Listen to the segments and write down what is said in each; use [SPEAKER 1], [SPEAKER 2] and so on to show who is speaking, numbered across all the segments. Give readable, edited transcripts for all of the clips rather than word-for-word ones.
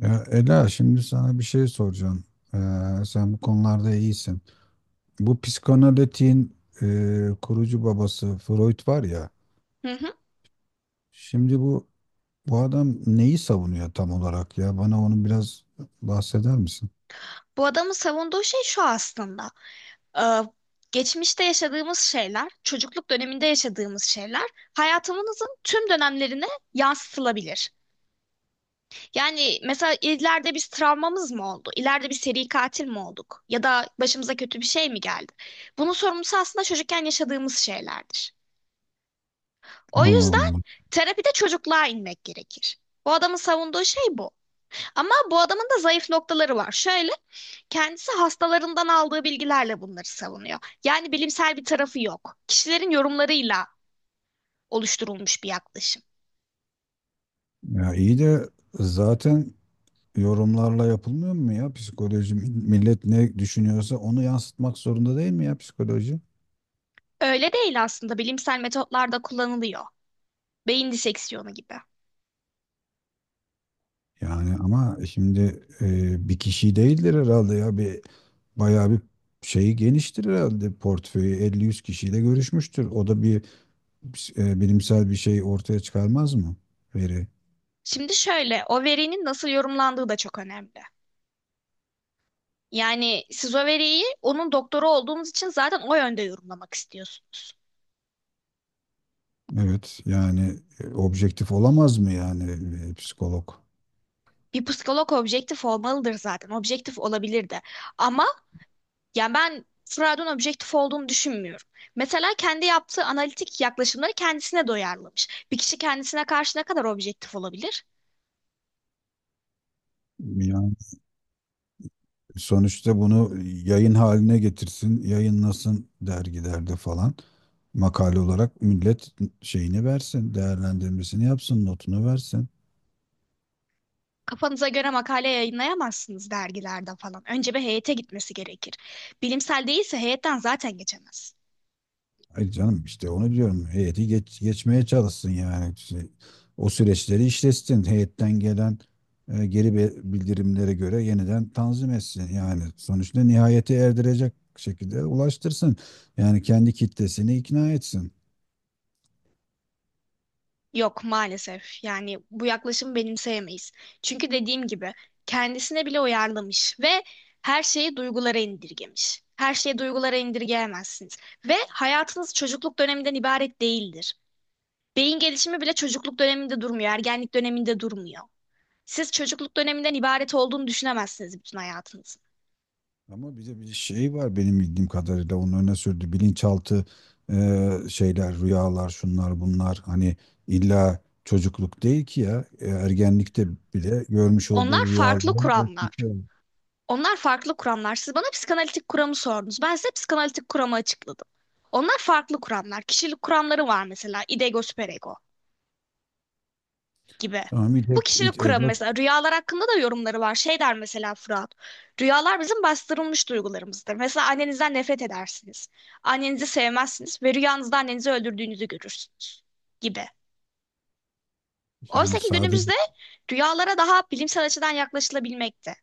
[SPEAKER 1] Ya Ela, şimdi sana bir şey soracağım. Sen bu konularda iyisin. Bu psikanalitin kurucu babası Freud var ya.
[SPEAKER 2] Hı hı.
[SPEAKER 1] Şimdi bu adam neyi savunuyor tam olarak ya? Bana onu biraz bahseder misin?
[SPEAKER 2] Bu adamın savunduğu şey şu aslında. Ee, Geçmişte yaşadığımız şeyler, çocukluk döneminde yaşadığımız şeyler hayatımızın tüm dönemlerine yansıtılabilir. Yani mesela ileride bir travmamız mı oldu? İleride bir seri katil mi olduk? Ya da başımıza kötü bir şey mi geldi? Bunun sorumlusu aslında çocukken yaşadığımız şeylerdir. O
[SPEAKER 1] Allah
[SPEAKER 2] yüzden
[SPEAKER 1] Allah.
[SPEAKER 2] terapide çocukluğa inmek gerekir. Bu adamın savunduğu şey bu. Ama bu adamın da zayıf noktaları var. Şöyle, kendisi hastalarından aldığı bilgilerle bunları savunuyor. Yani bilimsel bir tarafı yok. Kişilerin yorumlarıyla oluşturulmuş bir yaklaşım.
[SPEAKER 1] Ya iyi de zaten yorumlarla yapılmıyor mu ya psikoloji? Millet ne düşünüyorsa onu yansıtmak zorunda değil mi ya psikoloji?
[SPEAKER 2] Öyle değil aslında, bilimsel metotlarda kullanılıyor. Beyin diseksiyonu gibi.
[SPEAKER 1] Yani ama şimdi bir kişi değildir herhalde ya, bir bayağı bir şeyi geniştir herhalde, portföyü 50-100 kişiyle görüşmüştür. O da bir bilimsel bir şey ortaya çıkarmaz mı? Veri.
[SPEAKER 2] Şimdi şöyle, o verinin nasıl yorumlandığı da çok önemli. Yani siz o veriyi onun doktoru olduğunuz için zaten o yönde yorumlamak istiyorsunuz.
[SPEAKER 1] Evet yani objektif olamaz mı yani psikolog?
[SPEAKER 2] Bir psikolog objektif olmalıdır zaten. Objektif olabilir de. Ama yani ben Freud'un objektif olduğunu düşünmüyorum. Mesela kendi yaptığı analitik yaklaşımları kendisine doyarlamış. Bir kişi kendisine karşı ne kadar objektif olabilir?
[SPEAKER 1] Yani sonuçta bunu yayın haline getirsin, yayınlasın dergilerde falan. Makale olarak millet şeyini versin, değerlendirmesini yapsın, notunu versin.
[SPEAKER 2] Kafanıza göre makale yayınlayamazsınız dergilerde falan. Önce bir heyete gitmesi gerekir. Bilimsel değilse heyetten zaten geçemez.
[SPEAKER 1] Ay canım, işte onu diyorum. Heyeti geçmeye çalışsın yani. Şey, o süreçleri işletsin. Heyetten gelen bildirimlere göre yeniden tanzim etsin. Yani sonuçta nihayete erdirecek şekilde ulaştırsın. Yani kendi kitlesini ikna etsin.
[SPEAKER 2] Yok maalesef. Yani bu yaklaşımı benimseyemeyiz. Çünkü dediğim gibi kendisine bile uyarlamış ve her şeyi duygulara indirgemiş. Her şeyi duygulara indirgeyemezsiniz. Ve hayatınız çocukluk döneminden ibaret değildir. Beyin gelişimi bile çocukluk döneminde durmuyor, ergenlik döneminde durmuyor. Siz çocukluk döneminden ibaret olduğunu düşünemezsiniz bütün hayatınızın.
[SPEAKER 1] Ama bir de bir şey var benim bildiğim kadarıyla, onun öne sürdüğü bilinçaltı şeyler, rüyalar, şunlar bunlar, hani illa çocukluk değil ki ya. Ergenlikte bile görmüş olduğu
[SPEAKER 2] Onlar farklı
[SPEAKER 1] rüyaların
[SPEAKER 2] kuramlar.
[SPEAKER 1] etkisi.
[SPEAKER 2] Onlar farklı kuramlar. Siz bana psikanalitik kuramı sordunuz. Ben size psikanalitik kuramı açıkladım. Onlar farklı kuramlar. Kişilik kuramları var mesela. İdego, süperego gibi.
[SPEAKER 1] Tamam it,
[SPEAKER 2] Bu kişilik
[SPEAKER 1] it
[SPEAKER 2] kuramı
[SPEAKER 1] ego
[SPEAKER 2] mesela, rüyalar hakkında da yorumları var. Şey der mesela Fırat. Rüyalar bizim bastırılmış duygularımızdır. Mesela annenizden nefret edersiniz. Annenizi sevmezsiniz ve rüyanızda annenizi öldürdüğünüzü görürsünüz gibi. Oysa
[SPEAKER 1] yani
[SPEAKER 2] ki
[SPEAKER 1] sadece.
[SPEAKER 2] günümüzde rüyalara daha bilimsel açıdan yaklaşılabilmekte.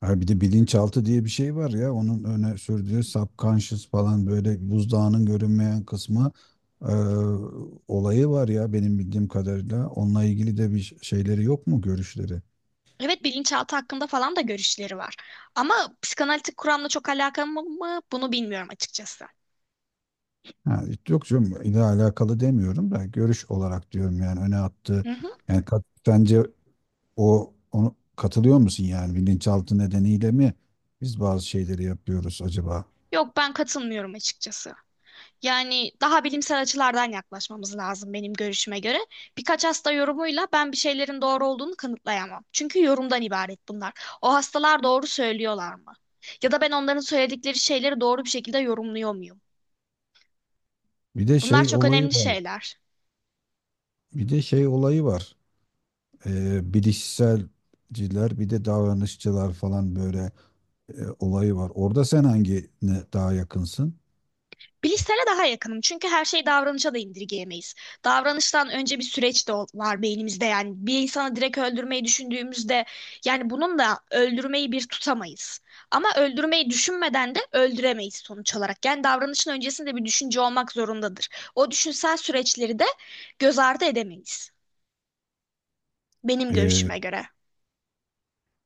[SPEAKER 1] Ha, bir de bilinçaltı diye bir şey var ya, onun öne sürdüğü subconscious falan, böyle buzdağının görünmeyen kısmı e, olayı var ya, benim bildiğim kadarıyla. Onunla ilgili de bir şeyleri yok mu, görüşleri?
[SPEAKER 2] Evet, bilinçaltı hakkında falan da görüşleri var. Ama psikanalitik kuramla çok alakalı mı bunu bilmiyorum açıkçası.
[SPEAKER 1] Ha, yok canım, ile alakalı demiyorum da görüş olarak diyorum, yani öne attığı.
[SPEAKER 2] Hı hı.
[SPEAKER 1] Yani bence o, onu katılıyor musun, yani bilinçaltı nedeniyle mi biz bazı şeyleri yapıyoruz acaba?
[SPEAKER 2] Yok, ben katılmıyorum açıkçası. Yani daha bilimsel açılardan yaklaşmamız lazım benim görüşüme göre. Birkaç hasta yorumuyla ben bir şeylerin doğru olduğunu kanıtlayamam. Çünkü yorumdan ibaret bunlar. O hastalar doğru söylüyorlar mı? Ya da ben onların söyledikleri şeyleri doğru bir şekilde yorumluyor muyum?
[SPEAKER 1] Bir de
[SPEAKER 2] Bunlar
[SPEAKER 1] şey
[SPEAKER 2] çok
[SPEAKER 1] olayı
[SPEAKER 2] önemli
[SPEAKER 1] var.
[SPEAKER 2] şeyler.
[SPEAKER 1] Bir de şey olayı var. Bilişselciler bir de davranışçılar falan, böyle olayı var. Orada sen hangine daha yakınsın?
[SPEAKER 2] Bilişsele daha yakınım çünkü her şeyi davranışa da indirgeyemeyiz. Davranıştan önce bir süreç de var beynimizde. Yani bir insanı direkt öldürmeyi düşündüğümüzde, yani bunun da öldürmeyi bir tutamayız. Ama öldürmeyi düşünmeden de öldüremeyiz sonuç olarak. Yani davranışın öncesinde bir düşünce olmak zorundadır. O düşünsel süreçleri de göz ardı edemeyiz benim
[SPEAKER 1] Ee,
[SPEAKER 2] görüşüme göre.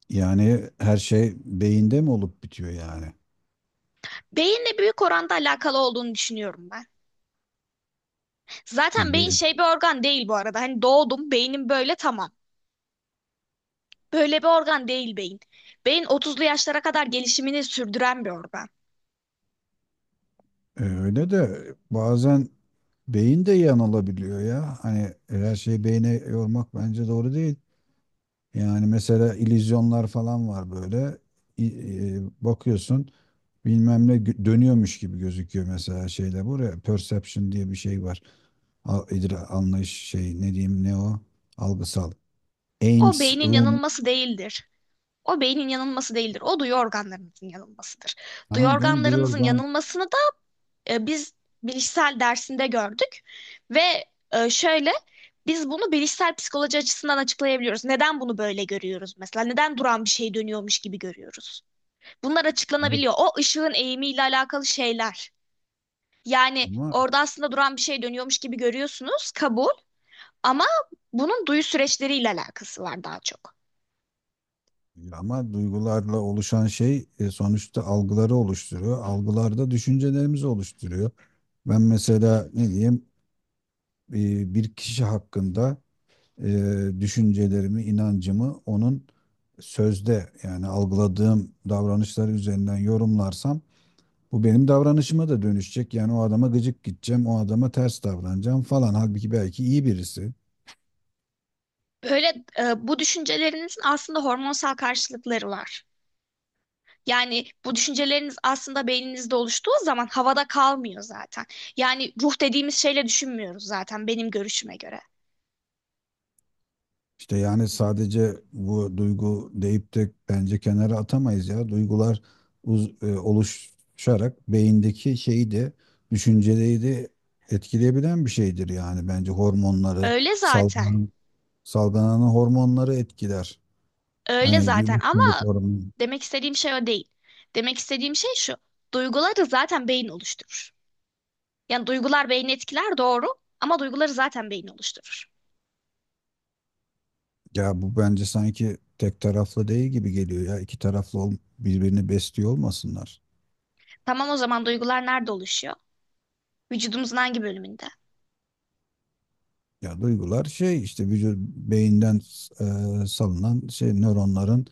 [SPEAKER 1] Yani her şey beyinde mi olup bitiyor yani?
[SPEAKER 2] Beyinle büyük oranda alakalı olduğunu düşünüyorum ben.
[SPEAKER 1] Ha,
[SPEAKER 2] Zaten beyin
[SPEAKER 1] be-
[SPEAKER 2] şey bir organ değil bu arada. Hani doğdum, beynim böyle tamam. Böyle bir organ değil beyin. Beyin 30'lu yaşlara kadar gelişimini sürdüren bir organ.
[SPEAKER 1] Öyle de bazen beyin de yanılabiliyor ya. Hani her şeyi beyne yormak bence doğru değil. Yani mesela illüzyonlar falan var böyle. Bakıyorsun dönüyormuş gibi gözüküyor mesela şeyde, buraya. Perception diye bir şey var. Anlayış, şey, ne diyeyim, ne o? Algısal.
[SPEAKER 2] O
[SPEAKER 1] Ames
[SPEAKER 2] beynin
[SPEAKER 1] room.
[SPEAKER 2] yanılması değildir. O beynin yanılması değildir. O duyu organlarınızın yanılmasıdır. Duyu
[SPEAKER 1] Tamam canım, duyuyor
[SPEAKER 2] organlarınızın
[SPEAKER 1] ben.
[SPEAKER 2] yanılmasını da biz bilişsel dersinde gördük. Ve şöyle, biz bunu bilişsel psikoloji açısından açıklayabiliyoruz. Neden bunu böyle görüyoruz mesela? Neden duran bir şey dönüyormuş gibi görüyoruz? Bunlar
[SPEAKER 1] Hayır,
[SPEAKER 2] açıklanabiliyor. O ışığın eğimiyle alakalı şeyler. Yani
[SPEAKER 1] ama
[SPEAKER 2] orada aslında duran bir şey dönüyormuş gibi görüyorsunuz, kabul. Ama bunun duyu süreçleriyle alakası var daha çok.
[SPEAKER 1] ama duygularla oluşan şey, sonuçta algıları oluşturuyor. Algılar da düşüncelerimizi oluşturuyor. Ben mesela ne diyeyim, bir kişi hakkında düşüncelerimi, inancımı onun sözde yani algıladığım davranışları üzerinden yorumlarsam, bu benim davranışıma da dönüşecek. Yani o adama gıcık gideceğim, o adama ters davranacağım falan. Halbuki belki iyi birisi.
[SPEAKER 2] Böyle bu düşüncelerinizin aslında hormonsal karşılıkları var. Yani bu düşünceleriniz aslında beyninizde oluştuğu zaman havada kalmıyor zaten. Yani ruh dediğimiz şeyle düşünmüyoruz zaten benim görüşüme göre.
[SPEAKER 1] İşte yani sadece bu duygu deyip de bence kenara atamayız ya. Duygular oluşarak beyindeki şeyi de, düşünceleri de etkileyebilen bir şeydir yani, bence hormonları
[SPEAKER 2] Öyle zaten.
[SPEAKER 1] salgılanan, salgılanan hormonları etkiler.
[SPEAKER 2] Öyle zaten
[SPEAKER 1] Mutluluk
[SPEAKER 2] ama
[SPEAKER 1] hormonu,
[SPEAKER 2] demek istediğim şey o değil. Demek istediğim şey şu. Duyguları zaten beyin oluşturur. Yani duygular beyni etkiler, doğru, ama duyguları zaten beyin oluşturur.
[SPEAKER 1] ya bu bence sanki tek taraflı değil gibi geliyor ya. İki taraflı birbirini besliyor olmasınlar.
[SPEAKER 2] Tamam, o zaman duygular nerede oluşuyor? Vücudumuzun hangi bölümünde?
[SPEAKER 1] Ya duygular şey işte, vücut beyinden salınan şey, nöronların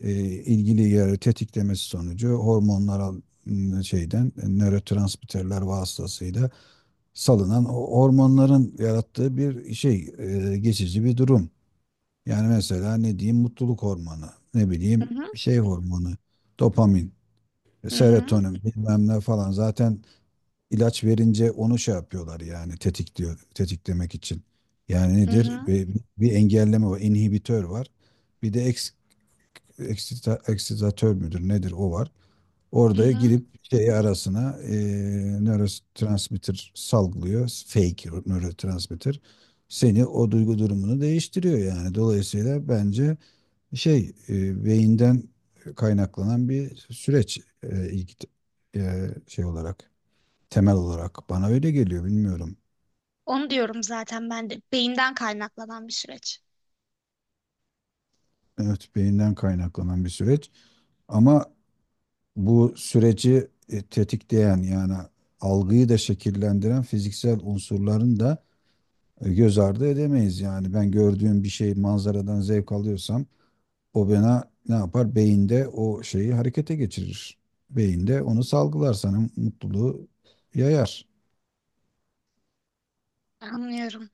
[SPEAKER 1] e, ilgili yeri tetiklemesi sonucu hormonlara, şeyden, nörotransmitterler vasıtasıyla salınan o hormonların yarattığı bir şey, geçici bir durum. Yani mesela ne diyeyim, mutluluk hormonu, ne
[SPEAKER 2] Hı
[SPEAKER 1] bileyim
[SPEAKER 2] hı,
[SPEAKER 1] şey hormonu, dopamin,
[SPEAKER 2] hı hı,
[SPEAKER 1] serotonin bilmem ne falan, zaten ilaç verince onu şey yapıyorlar, yani tetikliyor, tetiklemek için. Yani
[SPEAKER 2] hı
[SPEAKER 1] nedir?
[SPEAKER 2] hı,
[SPEAKER 1] Bir, bir engelleme var, inhibitör var. Bir de eksitatör müdür nedir o var.
[SPEAKER 2] hı
[SPEAKER 1] Orada
[SPEAKER 2] hı.
[SPEAKER 1] girip şey arasına nörotransmitter salgılıyor. Fake nörotransmitter. Seni o duygu durumunu değiştiriyor yani. Dolayısıyla bence şey, beyinden kaynaklanan bir süreç, şey olarak, temel olarak. Bana öyle geliyor, bilmiyorum.
[SPEAKER 2] Onu diyorum zaten ben de. Beyinden kaynaklanan bir süreç.
[SPEAKER 1] Evet, beyinden kaynaklanan bir süreç. Ama bu süreci tetikleyen, yani algıyı da şekillendiren fiziksel unsurların da göz ardı edemeyiz. Yani ben gördüğüm bir şey, manzaradan zevk alıyorsam, o bana ne yapar? Beyinde o şeyi harekete geçirir. Beyinde onu salgılar, sana mutluluğu yayar.
[SPEAKER 2] Anlıyorum.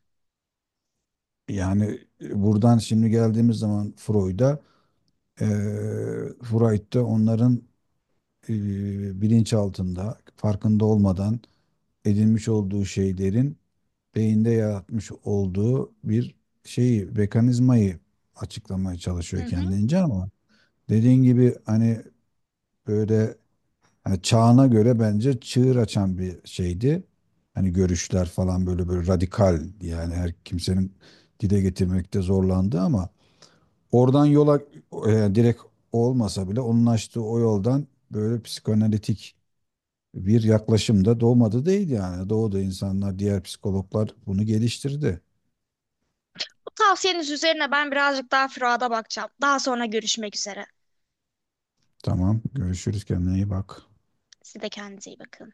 [SPEAKER 1] Yani buradan şimdi geldiğimiz zaman Freud'a, e, Freud da onların e, bilinç altında, farkında olmadan edinmiş olduğu şeylerin beyinde yaratmış olduğu bir şeyi, mekanizmayı açıklamaya
[SPEAKER 2] Hı
[SPEAKER 1] çalışıyor
[SPEAKER 2] hı.
[SPEAKER 1] kendince ama dediğin gibi, hani böyle, hani çağına göre bence çığır açan bir şeydi. Hani görüşler falan böyle, böyle radikal yani, her kimsenin dile getirmekte zorlandı ama oradan yola direkt olmasa bile onun açtığı o yoldan böyle psikoanalitik bir yaklaşım da doğmadı değil yani. Doğuda insanlar, diğer psikologlar bunu geliştirdi.
[SPEAKER 2] Bu tavsiyeniz üzerine ben birazcık daha Fırat'a bakacağım. Daha sonra görüşmek üzere.
[SPEAKER 1] Tamam, görüşürüz, kendine iyi bak.
[SPEAKER 2] Siz de kendinize iyi bakın.